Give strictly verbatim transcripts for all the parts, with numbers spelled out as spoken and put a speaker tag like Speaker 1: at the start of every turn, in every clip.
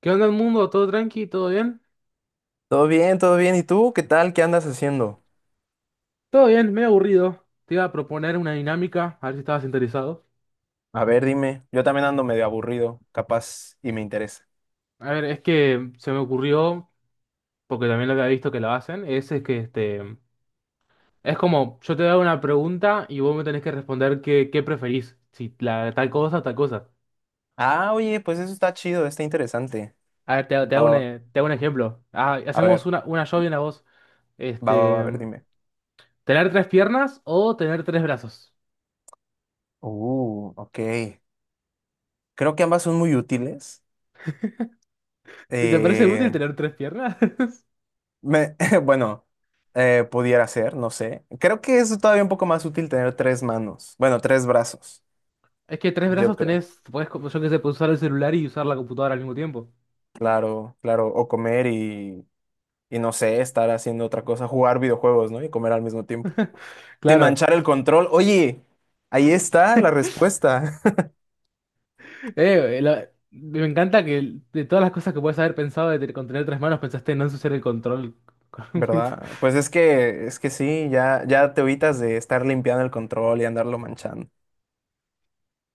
Speaker 1: ¿Qué onda el mundo? ¿Todo tranqui? ¿Todo bien?
Speaker 2: Todo bien, todo bien. ¿Y tú qué tal? ¿Qué andas haciendo?
Speaker 1: Todo bien, medio aburrido. Te iba a proponer una dinámica, a ver si estabas interesado.
Speaker 2: A ver, dime. Yo también ando medio aburrido, capaz, y me interesa.
Speaker 1: A ver, es que se me ocurrió, porque también lo había visto que lo hacen, es, es que este, es como yo te hago una pregunta y vos me tenés que responder qué, qué preferís, si la, tal cosa o tal cosa.
Speaker 2: Ah, oye, pues eso está chido, está interesante.
Speaker 1: A ver, te, te
Speaker 2: Va,
Speaker 1: hago
Speaker 2: va,
Speaker 1: un,
Speaker 2: va.
Speaker 1: eh, te hago un ejemplo. Ah,
Speaker 2: A
Speaker 1: hacemos
Speaker 2: ver,
Speaker 1: una, una yo y una vos.
Speaker 2: va, va, va, a
Speaker 1: Este,
Speaker 2: ver, dime.
Speaker 1: ¿Tener tres piernas o tener tres brazos?
Speaker 2: Uh, ok. Creo que ambas son muy útiles.
Speaker 1: ¿Te parece útil
Speaker 2: Eh,
Speaker 1: tener tres piernas?
Speaker 2: me, bueno, eh, pudiera ser, no sé. Creo que es todavía un poco más útil tener tres manos. Bueno, tres brazos,
Speaker 1: Es que tres
Speaker 2: yo
Speaker 1: brazos
Speaker 2: creo.
Speaker 1: tenés, puedes, como yo que sé, puedes usar el celular y usar la computadora al mismo tiempo.
Speaker 2: Claro, claro. O comer y, y no sé, estar haciendo otra cosa, jugar videojuegos, ¿no? Y comer al mismo tiempo. Sin
Speaker 1: Claro.
Speaker 2: manchar el control. Oye, ahí está la respuesta,
Speaker 1: Eh, la- me encanta que de todas las cosas que puedes haber pensado de, te- con tener tres manos, pensaste en no ensuciar el control. Con un bit.
Speaker 2: ¿verdad? Pues es que, es que sí, ya, ya te evitas de estar limpiando el control y andarlo manchando.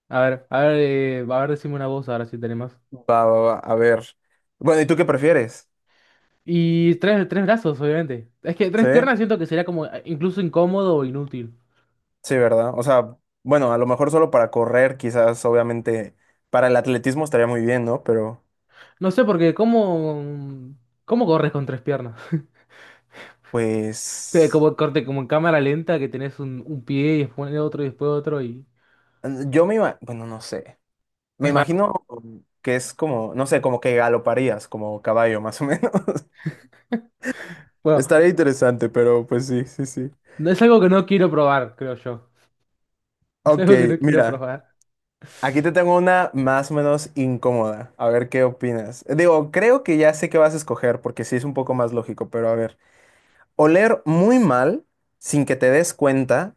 Speaker 1: A ver, a ver, eh, a ver, decime una voz ahora si tenemos.
Speaker 2: Va, va, va, a ver. Bueno, ¿y tú qué prefieres?
Speaker 1: Y tres, tres brazos, obviamente. Es que tres
Speaker 2: Sí,
Speaker 1: piernas siento que sería como eh, incluso incómodo o inútil.
Speaker 2: sí, ¿verdad? O sea, bueno, a lo mejor solo para correr, quizás, obviamente, para el atletismo estaría muy bien, ¿no? Pero,
Speaker 1: No sé, porque ¿cómo, ¿cómo corres con tres piernas? Eh,
Speaker 2: pues,
Speaker 1: Como corte, como en cámara lenta que tenés un, un pie y después otro y después otro, y
Speaker 2: yo me imagino, bueno, no sé. Me
Speaker 1: es raro.
Speaker 2: imagino que es como, no sé, como que galoparías, como caballo, más o menos.
Speaker 1: Bueno,
Speaker 2: Estaría interesante, pero pues sí, sí, sí.
Speaker 1: no es algo que no quiero probar, creo yo. Es
Speaker 2: Ok,
Speaker 1: algo que no quiero
Speaker 2: mira,
Speaker 1: probar.
Speaker 2: aquí te tengo una más o menos incómoda. A ver qué opinas. Digo, creo que ya sé qué vas a escoger porque sí es un poco más lógico, pero a ver. Oler muy mal sin que te des cuenta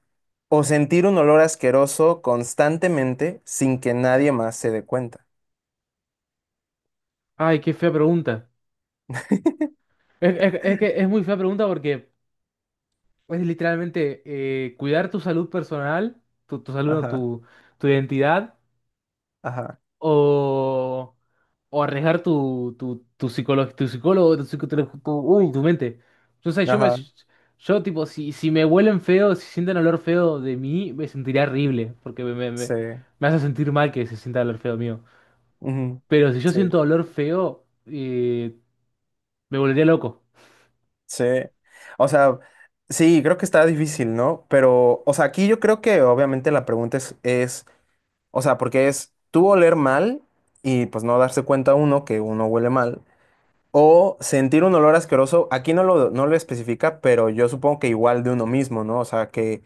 Speaker 2: o sentir un olor asqueroso constantemente sin que nadie más se dé cuenta.
Speaker 1: Ay, qué fea pregunta. Es, es- es que es muy fea pregunta porque es literalmente eh, cuidar tu salud personal, tu, tu salud, no,
Speaker 2: Ajá,
Speaker 1: tu, tu identidad,
Speaker 2: ajá,
Speaker 1: o, o arriesgar tu, tu, tu psicólogo, tu psicólogo, tu, psico- tu, tu- uy, tu mente. Yo sé, yo me,
Speaker 2: ajá,
Speaker 1: yo tipo, si, si me huelen feo, si sienten olor feo de mí, me sentiría horrible, porque me, me, me
Speaker 2: sí.
Speaker 1: me hace sentir mal que se sienta el olor feo mío.
Speaker 2: Ujú,
Speaker 1: Pero si yo siento
Speaker 2: sí.
Speaker 1: dolor feo, eh, me volvería loco.
Speaker 2: Sí, o sea, sí, creo que está difícil, ¿no? Pero, o sea, aquí yo creo que obviamente la pregunta es, es, o sea, porque es tú oler mal y pues no darse cuenta uno que uno huele mal, o sentir un olor asqueroso, aquí no lo, no lo especifica, pero yo supongo que igual de uno mismo, ¿no? O sea, que,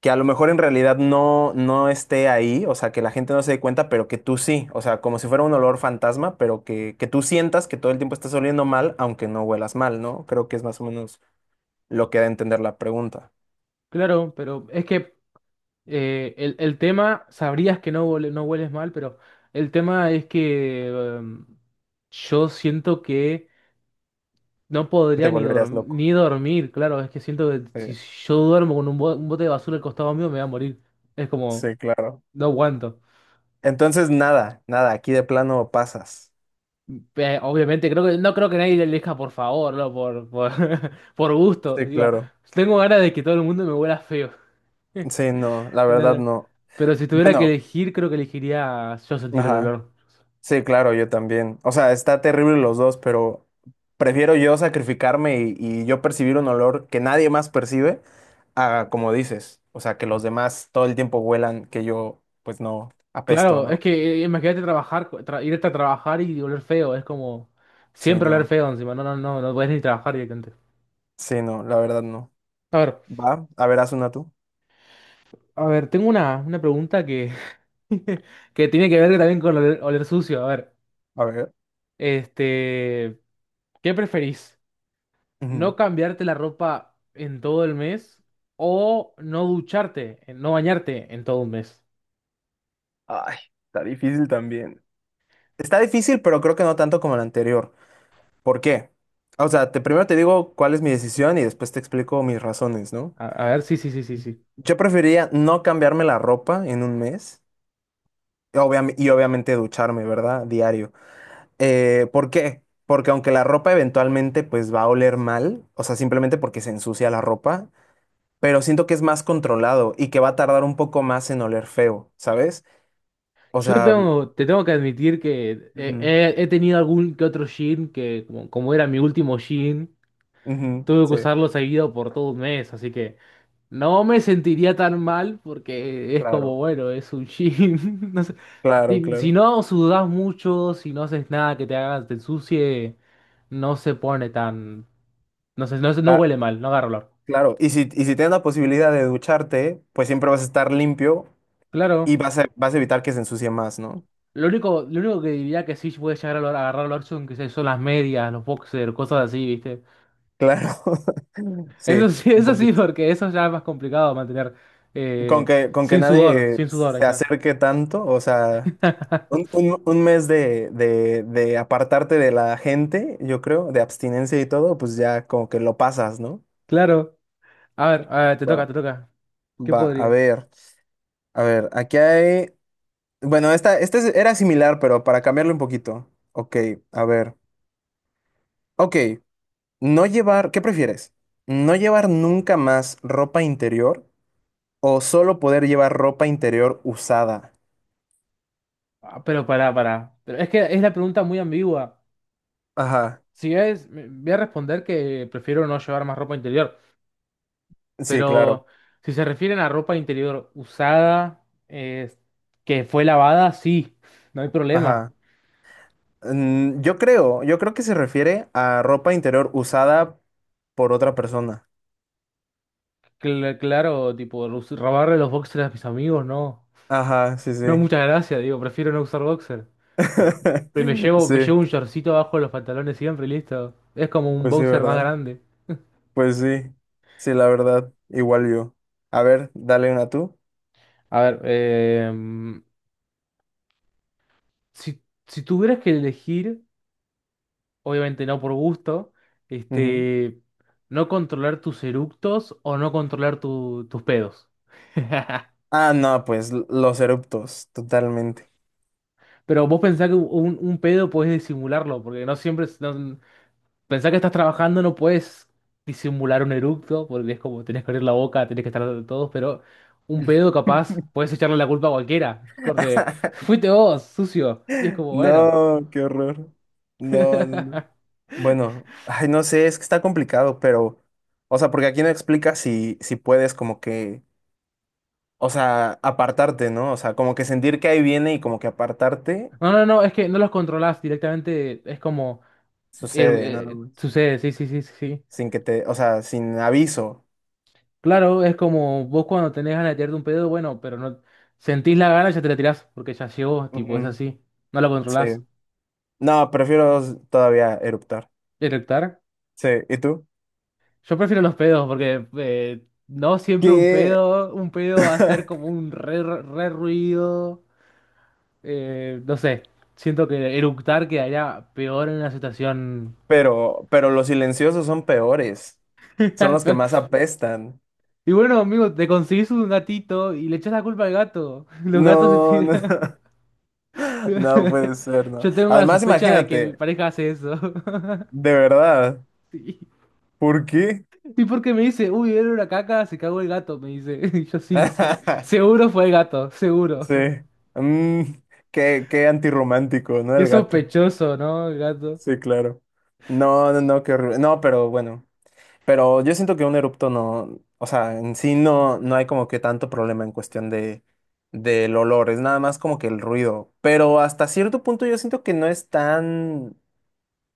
Speaker 2: que a lo mejor en realidad no, no esté ahí, o sea, que la gente no se dé cuenta, pero que tú sí, o sea, como si fuera un olor fantasma, pero que, que tú sientas que todo el tiempo estás oliendo mal, aunque no huelas mal, ¿no? Creo que es más o menos lo que da a entender la pregunta.
Speaker 1: Claro, pero es que eh, el, el tema, sabrías que no, huele- no hueles mal, pero el tema es que em, yo siento que no
Speaker 2: Te
Speaker 1: podría ni,
Speaker 2: volverías
Speaker 1: dorm-
Speaker 2: loco.
Speaker 1: ni dormir. Claro, es que siento que
Speaker 2: Sí,
Speaker 1: si yo duermo con un, bo- un bote de basura al costado mío, me voy a morir. Es como,
Speaker 2: sí, claro.
Speaker 1: no aguanto.
Speaker 2: Entonces, nada, nada, aquí de plano pasas.
Speaker 1: Eh, obviamente, creo que, no creo que nadie le elija por favor, no, por, por, por gusto.
Speaker 2: Sí,
Speaker 1: Digo,
Speaker 2: claro.
Speaker 1: tengo ganas de que todo el mundo me huela feo.
Speaker 2: Sí, no, la
Speaker 1: No,
Speaker 2: verdad
Speaker 1: no.
Speaker 2: no.
Speaker 1: Pero si tuviera que
Speaker 2: Bueno,
Speaker 1: elegir, creo que elegiría yo sentir el
Speaker 2: ajá.
Speaker 1: olor.
Speaker 2: Sí, claro, yo también. O sea, está terrible los dos, pero prefiero yo sacrificarme y, y yo percibir un olor que nadie más percibe a, como dices, o sea, que los demás todo el tiempo huelan que yo, pues no, apesto,
Speaker 1: Claro, es
Speaker 2: ¿no?
Speaker 1: que eh, imagínate trabajar, tra- irte a trabajar y oler feo, es como
Speaker 2: Sí,
Speaker 1: siempre oler
Speaker 2: no,
Speaker 1: feo encima, no, no, no, no podés ni trabajar directamente.
Speaker 2: sí, no, la verdad no.
Speaker 1: A ver,
Speaker 2: Va, a ver, haz una tú.
Speaker 1: a ver, tengo una, una pregunta que, que tiene que ver también con oler, oler sucio. A ver,
Speaker 2: A ver.
Speaker 1: este, ¿qué preferís? ¿No
Speaker 2: Ujú.
Speaker 1: cambiarte la ropa en todo el mes o no ducharte, eh, no bañarte en todo un mes?
Speaker 2: Ay, está difícil también. Está difícil, pero creo que no tanto como el anterior. ¿Por qué? O sea, te, primero te digo cuál es mi decisión y después te explico mis razones, ¿no?
Speaker 1: A, a ver, sí, sí, sí, sí, sí.
Speaker 2: Yo preferiría no cambiarme la ropa en un mes y, obviam- y obviamente ducharme, ¿verdad? Diario. Eh, ¿por qué? Porque aunque la ropa eventualmente pues va a oler mal, o sea, simplemente porque se ensucia la ropa, pero siento que es más controlado y que va a tardar un poco más en oler feo, ¿sabes? O
Speaker 1: Yo te
Speaker 2: sea,
Speaker 1: tengo, te tengo que admitir que eh,
Speaker 2: ujú,
Speaker 1: he, he tenido algún que otro jean que, como, como era mi último jean,
Speaker 2: ujú,
Speaker 1: tuve que
Speaker 2: sí,
Speaker 1: usarlo seguido por todo un mes, así que no me sentiría tan mal porque es como,
Speaker 2: claro.
Speaker 1: bueno, es un jean. No sé,
Speaker 2: Claro,
Speaker 1: si, si
Speaker 2: claro.
Speaker 1: no sudás mucho, si no haces nada que te haga, te ensucie, no se pone tan, no sé, no, se- no
Speaker 2: Cla-
Speaker 1: huele mal, no agarra olor.
Speaker 2: Claro, y si, y si tienes la posibilidad de ducharte, pues siempre vas a estar limpio y
Speaker 1: Claro.
Speaker 2: vas a, vas a evitar que se ensucie más, ¿no?
Speaker 1: Lo único, lo único que diría que sí puede llegar a olor- a agarrar olor son, que sé, son las medias, los boxers, cosas así, ¿viste?
Speaker 2: Claro, sí,
Speaker 1: Eso sí,
Speaker 2: un
Speaker 1: eso sí,
Speaker 2: poquito.
Speaker 1: porque eso ya es más complicado mantener
Speaker 2: Con
Speaker 1: eh,
Speaker 2: que, con que
Speaker 1: sin sudor,
Speaker 2: nadie
Speaker 1: sin sudor, ahí
Speaker 2: se
Speaker 1: está.
Speaker 2: acerque tanto, o sea, un, un- un mes de, de, de apartarte de la gente, yo creo, de abstinencia y todo, pues ya como que lo pasas, ¿no?
Speaker 1: Claro. A ver, a ver, te toca,
Speaker 2: Va,
Speaker 1: te toca. ¿Qué
Speaker 2: va, a
Speaker 1: podría?
Speaker 2: ver, a ver, aquí hay, bueno, esta, esta es- era similar, pero para cambiarlo un poquito. Ok, a ver. Ok. No llevar, ¿qué prefieres? ¿No llevar nunca más ropa interior o solo poder llevar ropa interior usada?
Speaker 1: Ah, pero pará, pará. Pero es que es la pregunta muy ambigua.
Speaker 2: Ajá,
Speaker 1: Si es, me- Voy a responder que prefiero no llevar más ropa interior.
Speaker 2: sí, claro.
Speaker 1: Pero si se refieren a ropa interior usada, eh, que fue lavada, sí, no hay problema.
Speaker 2: Ajá. Mm, yo creo, yo creo que se refiere a ropa interior usada por otra persona.
Speaker 1: Cl- claro, tipo, los- robarle los boxers a mis amigos, no.
Speaker 2: Ajá, sí,
Speaker 1: No,
Speaker 2: sí.
Speaker 1: muchas gracias, digo, prefiero no usar boxer. Pero me llevo,
Speaker 2: Sí,
Speaker 1: me llevo un shortcito abajo de los pantalones siempre, y listo. Es como un
Speaker 2: pues sí,
Speaker 1: boxer más
Speaker 2: ¿verdad?
Speaker 1: grande.
Speaker 2: Pues sí, sí, la verdad, igual yo. A ver, dale una tú.
Speaker 1: A ver, eh, si, si tuvieras que elegir, obviamente no por gusto,
Speaker 2: Ujú.
Speaker 1: este, no controlar tus eructos o no controlar tu- tus pedos.
Speaker 2: Ah, no, pues l- los eruptos, totalmente.
Speaker 1: Pero vos pensás que un, un pedo podés disimularlo, porque no siempre, es- no- pensá que estás trabajando, no puedes disimular un eructo, porque es como tenés que abrir la boca, tenés que estar de todos, pero un pedo capaz, puedes echarle la culpa a cualquiera. Corte, fuiste vos, sucio. Y es como, bueno.
Speaker 2: No, qué horror. No, no, no. Bueno, ay, no sé, es que está complicado, pero, o sea, porque aquí no explica si, si puedes como que, o sea, apartarte, ¿no? O sea, como que sentir que ahí viene y como que apartarte
Speaker 1: No, no, no, es que no los controlás directamente, es como, eru-
Speaker 2: sucede, nada
Speaker 1: eh,
Speaker 2: más.
Speaker 1: sucede, sí, sí, sí, sí, sí.
Speaker 2: Sin que te, o sea, sin aviso.
Speaker 1: Claro, es como vos cuando tenés ganas de tirarte un pedo, bueno, pero no sentís la gana, ya te la tirás, porque ya llegó, tipo, es
Speaker 2: Ujú,
Speaker 1: así. No lo controlás.
Speaker 2: sí. No, prefiero s- todavía eruptar.
Speaker 1: ¿Erectar?
Speaker 2: Sí, ¿y tú?
Speaker 1: Yo prefiero los pedos porque eh, no siempre un
Speaker 2: ¿Qué?
Speaker 1: pedo, un pedo va a ser como un re, re ruido. Eh, no sé, siento que eructar quedaría peor en una situación.
Speaker 2: Pero, pero los silenciosos son peores. Son los que más
Speaker 1: Pero-
Speaker 2: apestan.
Speaker 1: y bueno, amigo, te conseguís un gatito y le echás la culpa al gato. Los gatos se
Speaker 2: No, no.
Speaker 1: tiran.
Speaker 2: No puede ser, ¿no?
Speaker 1: Yo tengo la
Speaker 2: Además,
Speaker 1: sospecha de que mi
Speaker 2: imagínate,
Speaker 1: pareja hace eso.
Speaker 2: de verdad,
Speaker 1: Sí.
Speaker 2: ¿por qué?
Speaker 1: Y porque me dice, uy, era una caca, se cagó el gato, me dice. Y yo sí, sí. Seguro fue el gato, seguro.
Speaker 2: Sí. Mm, qué, qué antirromántico, ¿no?
Speaker 1: Qué
Speaker 2: El gato.
Speaker 1: sospechoso, ¿no, gato?
Speaker 2: Sí, claro. No, no, no, qué horrible. No, pero bueno. Pero yo siento que un erupto no, o sea, en sí no, no hay como que tanto problema en cuestión de, del olor, es nada más como que el ruido. Pero hasta cierto punto yo siento que no es tan,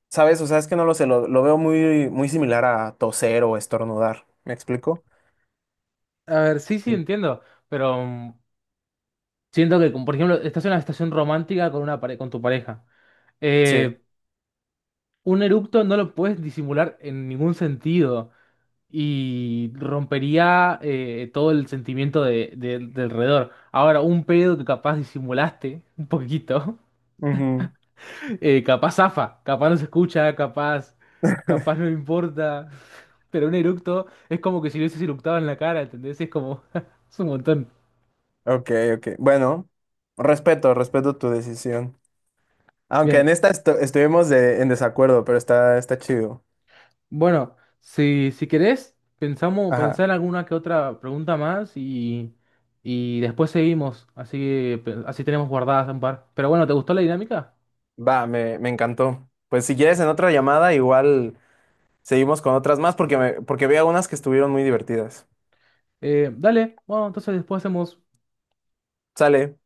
Speaker 2: ¿sabes? O sea, es que no lo sé, lo, lo veo muy, muy similar a toser o estornudar. ¿Me explico?
Speaker 1: A ver, sí, sí,
Speaker 2: En-
Speaker 1: entiendo, pero mm, siento que, como, por ejemplo, estás en una estación romántica con, una pare- con tu pareja.
Speaker 2: Sí.
Speaker 1: Eh, un eructo no lo puedes disimular en ningún sentido y rompería eh, todo el sentimiento de, de- de alrededor. Ahora, un pedo que capaz disimulaste un poquito,
Speaker 2: Ujú.
Speaker 1: eh, capaz zafa, capaz no se escucha, capaz, capaz no importa, pero un eructo es como que si lo hubieses eructado en la cara, ¿entendés? Es como, es un montón.
Speaker 2: Ok, ok. Bueno, respeto, respeto tu decisión. Aunque
Speaker 1: Bien,
Speaker 2: en esta estu- estuvimos de- en desacuerdo, pero está, está chido.
Speaker 1: bueno, si, si querés, pensamos,
Speaker 2: Ajá.
Speaker 1: pensar en alguna que otra pregunta más y, y después seguimos, así que pe- así tenemos guardadas un par. Pero bueno, ¿te gustó la dinámica?
Speaker 2: Va, me, me encantó. Pues si quieres en otra llamada, igual seguimos con otras más porque me, porque vi algunas que estuvieron muy divertidas.
Speaker 1: Eh, dale, bueno, entonces después hacemos
Speaker 2: Sale.